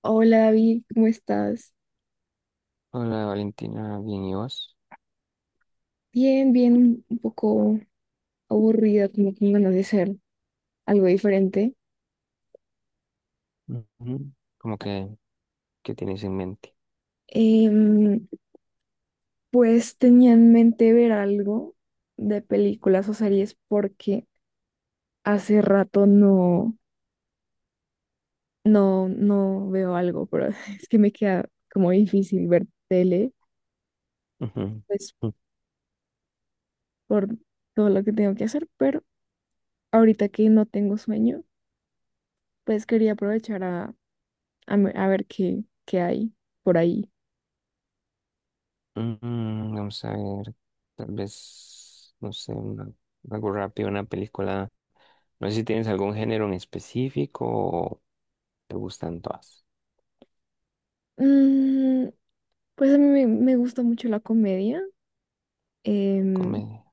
Hola David, ¿cómo estás? Hola Valentina, bien, ¿y vos? Bien, bien, un poco aburrida, como con ganas de hacer algo diferente. Ujú. ¿Cómo que qué tienes en mente? Em, pues tenía en mente ver algo de películas o series porque hace rato no veo algo, pero es que me queda como difícil ver tele, Ujú. pues por todo lo que tengo que hacer, pero ahorita que no tengo sueño, pues quería aprovechar a ver qué hay por ahí. Mm, vamos a ver, tal vez, no sé, algo rápido, una película. No sé si tienes algún género en específico o te gustan todas. Mm, Pues a mí me gusta mucho la comedia. em, Comedia.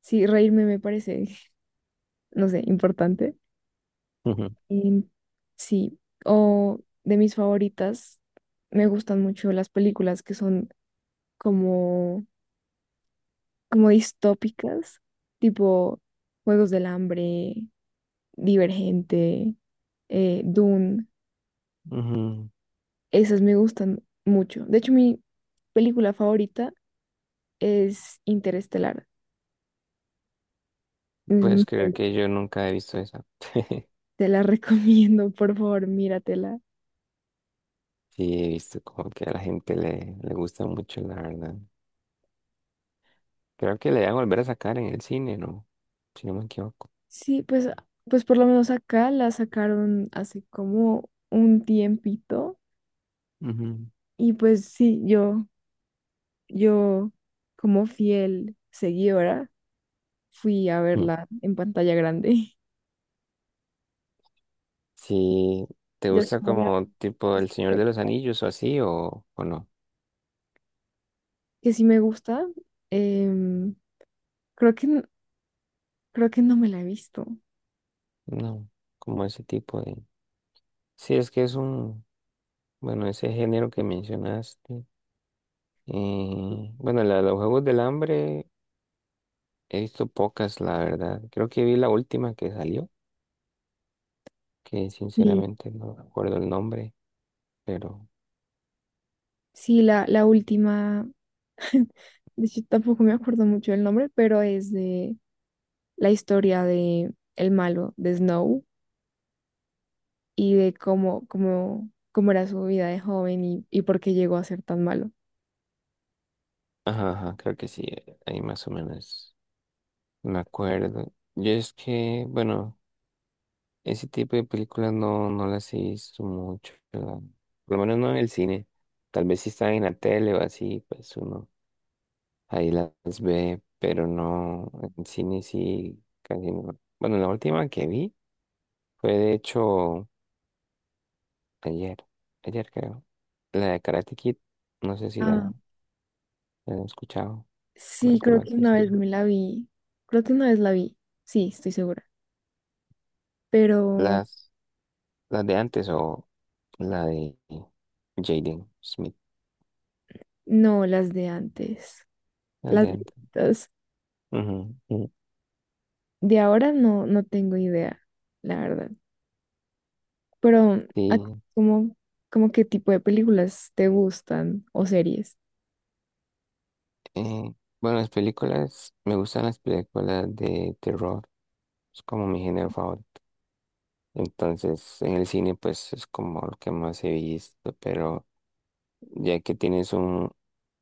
sí, reírme me parece, no sé, importante. Ujú, Em, sí, o de mis favoritas, me gustan mucho las películas que son como, como distópicas, tipo Juegos del Hambre, Divergente, Dune. ujú. Esas me gustan mucho. De hecho, mi película favorita es Interestelar. Mm, ¿Puedes creer que yo nunca he visto esa? Te la recomiendo, por favor, míratela. Sí, he visto como que a la gente le gusta mucho, la verdad. Creo que le van a volver a sacar en el cine, ¿no? Si no me equivoco. Sí, pues por lo menos acá la sacaron hace como un tiempito Ujú. y pues sí, yo como fiel seguidora fui a verla en pantalla grande. Si te Ya es gusta la como tipo El Señor de los sexta, Anillos o así, o no. que sí me gusta, em, creo que, n- creo que no me la he visto. No, como ese tipo de... Sí, es que es un... Bueno, ese género que mencionaste. Bueno, la de los Juegos del Hambre he visto pocas, la verdad. Creo que vi la última que salió, que Sí, sinceramente no recuerdo el nombre, pero... sí, la última, de hecho tampoco me acuerdo mucho el nombre, pero es de la historia de el malo de Snow. Y de cómo era su vida de joven y por qué llegó a ser tan malo. Ajá, ajá, creo que sí, ahí más o menos me acuerdo. Yo es que, bueno... Ese tipo de películas no las he visto mucho, por lo menos no en el cine. Tal vez si están en la tele o así, pues uno ahí las ve, pero no, en cine sí, casi no. Bueno, la última que vi fue de hecho ayer, ayer creo, la de Karate Kid, no sé si Ah, la han escuchado, la sí, creo última que que una vez son me la vi. Creo que una vez la vi. Sí, estoy segura. Pero las, las de antes o la de Jaden Smith, no, las de antes. las Las de antes. viejitas. Ujú, ujú. De ahora no, no tengo idea, la verdad. Pero, ¿a ti Sí. cómo, cómo qué tipo de películas te gustan o series? Eh, bueno, las películas, me gustan las películas de terror, es como mi género favorito. Entonces, en el cine, pues es como lo que más he visto, pero ya que tienes un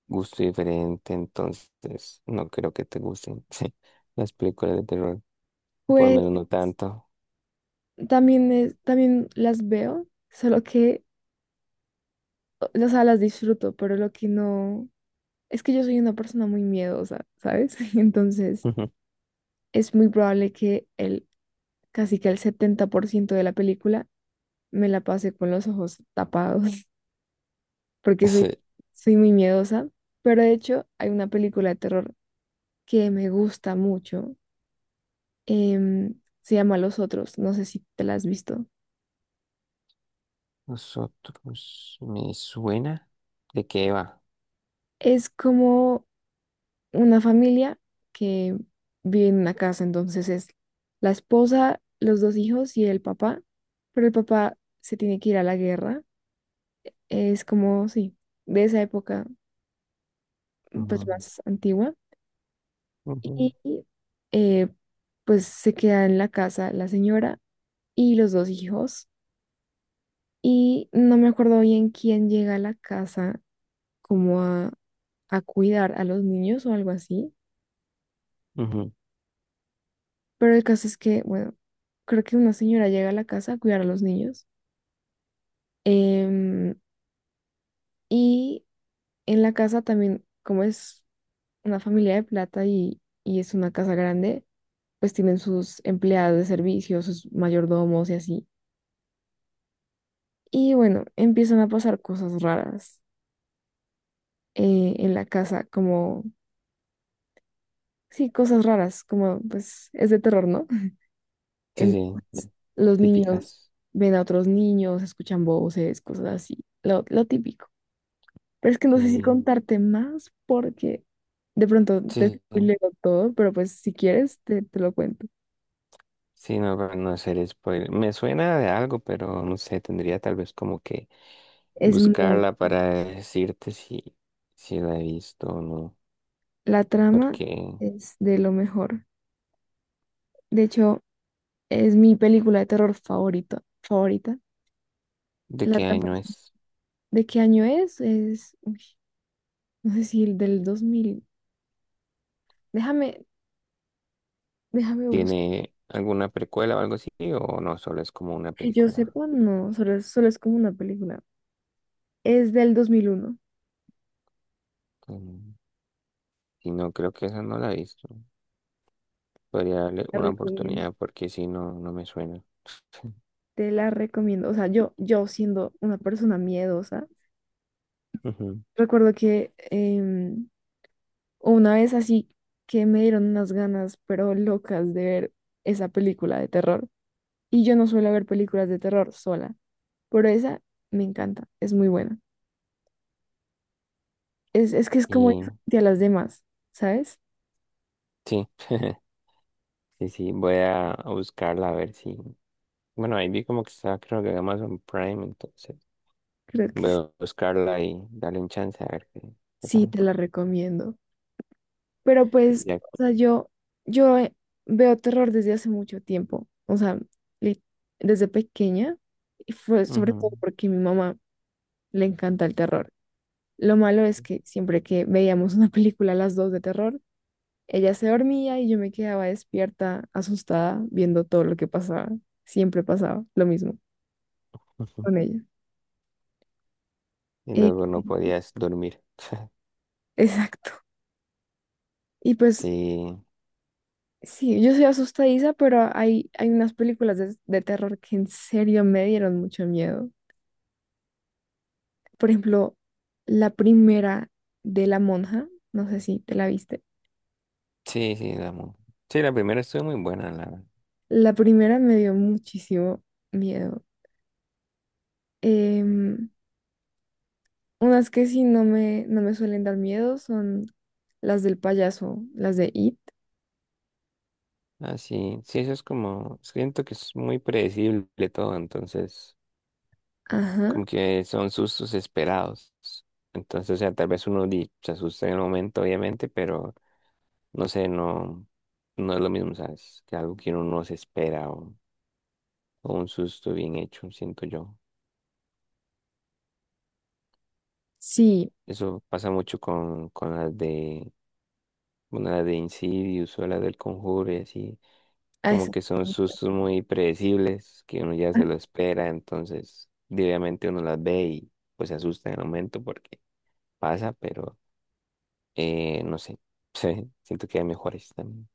gusto diferente, entonces no creo que te gusten sí, las películas de terror, por lo Pues menos no tanto. también, también las veo, solo que, o sea, las disfruto, pero lo que no, es que yo soy una persona muy miedosa, ¿sabes? Entonces, Ujú. es muy probable que casi que el 70% de la película me la pase con los ojos tapados, porque Sí. soy muy miedosa. Pero de hecho, hay una película de terror que me gusta mucho. em, Se llama Los Otros, no sé si te la has visto. Nosotros, me suena de qué va. Es como una familia que vive en una casa, entonces es la esposa, los dos hijos y el papá, pero el papá se tiene que ir a la guerra, es como, sí, de esa época pues Ujú, más antigua ujú, y eh, pues se queda en la casa la señora y los dos hijos y no me acuerdo bien quién llega a la casa como a cuidar a los niños o algo así. ujú. Pero el caso es que, bueno, creo que una señora llega a la casa a cuidar a los niños. em, y en la casa también, como es una familia de plata y es una casa grande, pues tienen sus empleados de servicio, sus mayordomos y así. Y bueno, empiezan a pasar cosas raras en la casa, como, sí, cosas raras, como pues es de terror, ¿no? Sí, sí, Entonces, los niños típicas. ven a otros niños, escuchan voces, cosas así, lo típico. Pero es que no sé si Sí, contarte más porque de pronto te sí, sí. spoileo todo, pero pues si quieres te lo cuento. Sí, no, para no hacer spoiler. Me suena de algo, pero no sé, tendría tal vez como que Es muy, buscarla para decirte si, si la he visto o no. la trama Porque, es de lo mejor. De hecho, es mi película de terror favorita, favorita. ¿de La qué trama año es- es? ¿De qué año es? Es, uy, no sé si el del 2000. Déjame, déjame buscar. ¿Tiene alguna precuela o algo así? ¿O no? Solo es como una Que yo película. sepa, no, solo, solo es como una película. Es del 2001. Mm, y no, creo que esa no la he visto. Podría darle La una recomiendo. oportunidad porque si no, no me suena. Te la recomiendo. O sea, yo siendo una persona miedosa. Ujú. Recuerdo que una vez así que me dieron unas ganas, pero locas, de ver esa película de terror. Y yo no suelo ver películas de terror sola, pero esa me encanta, es muy buena. Es que es como Y diferente a las demás, ¿sabes? sí, sí, sí, voy a buscarla a ver si. Bueno, ahí vi como que está, creo que en Amazon Prime, entonces. Creo que Voy sí, a buscarla y darle un chance a ver qué, qué sí, tal. te la recomiendo. Pero Y pues, ya. o sea, yo veo terror desde hace mucho tiempo, o sea, li- desde pequeña, y fue sobre todo Ujú, porque a mi mamá le encanta el terror. Lo malo es que siempre que veíamos una película a las dos de terror, ella se dormía y yo me quedaba despierta, asustada, viendo todo lo que pasaba. Siempre pasaba lo mismo ujú. con ella. ¿Y Eh, luego no podías dormir? exacto. Y pues Sí, sí, yo soy asustadiza, pero hay unas películas de terror que en serio me dieron mucho miedo. Por ejemplo, la primera de La Monja, no sé si te la viste. sí, sí, sí, la primera estuvo muy buena, la, La primera me dio muchísimo miedo. Em, Unas que sí no me suelen dar miedo son las del payaso, las de It. ah, sí, sí, eso es como, siento que es muy predecible todo, entonces, Ajá. como que son sustos esperados, entonces, o sea, tal vez uno se asusta en el momento, obviamente, pero, no sé, no, no es lo mismo, ¿sabes? Que algo que uno no se espera o un susto bien hecho, siento yo. Sí, Eso pasa mucho con las de, bueno, las de Insidious o las del Conjuro y así, a como esas. que son sustos muy predecibles, que uno ya se lo espera, entonces diariamente uno las ve y pues se asusta en el momento porque pasa, pero no sé, sí, siento que hay mejores también.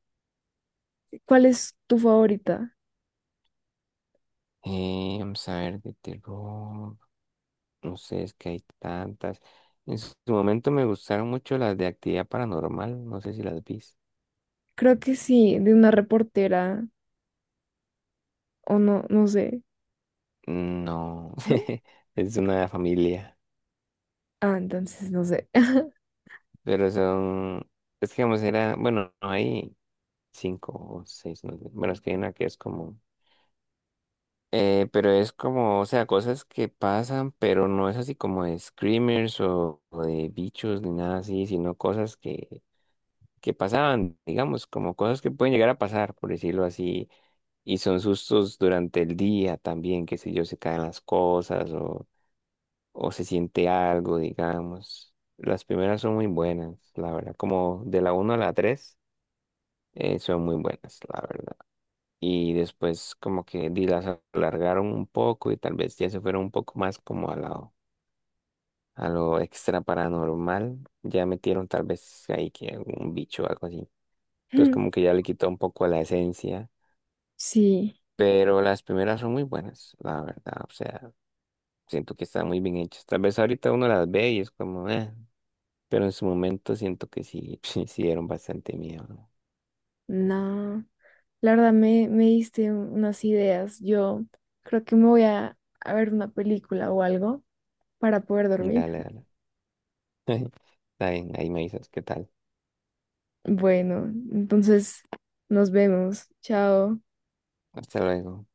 ¿Cuál es tu favorita? Vamos a ver, de terror, no sé, es que hay tantas. En su momento me gustaron mucho las de actividad paranormal, no sé si las viste. Creo que sí, de una reportera o no, no sé, No, ¿no? es una familia. Ah, entonces no sé. Pero son, es que vamos, era, bueno, no hay cinco o seis, no sé. Bueno, es que hay una que es como, pero es como, o sea, cosas que pasan, pero no es así como de screamers o de bichos ni nada así, sino cosas que pasaban, digamos, como cosas que pueden llegar a pasar, por decirlo así, y son sustos durante el día también, que sé yo, se caen las cosas o se siente algo, digamos. Las primeras son muy buenas, la verdad, como de la uno a la tres son muy buenas, la verdad. Y después como que las alargaron un poco y tal vez ya se fueron un poco más como a lo extra paranormal. Ya metieron tal vez ahí que algún bicho o algo así. Entonces como que ya le quitó un poco la esencia. Sí, Pero las primeras son muy buenas, la verdad. O sea, siento que están muy bien hechas. Tal vez ahorita uno las ve y es como, eh. Pero en su momento siento que sí, sí dieron bastante miedo, ¿no? no. La verdad me diste unas ideas. Yo creo que me voy a ver una película o algo para poder dormir. Dale, dale. Está bien, ahí me dices qué tal. Bueno, entonces nos vemos. Chao. Hasta luego.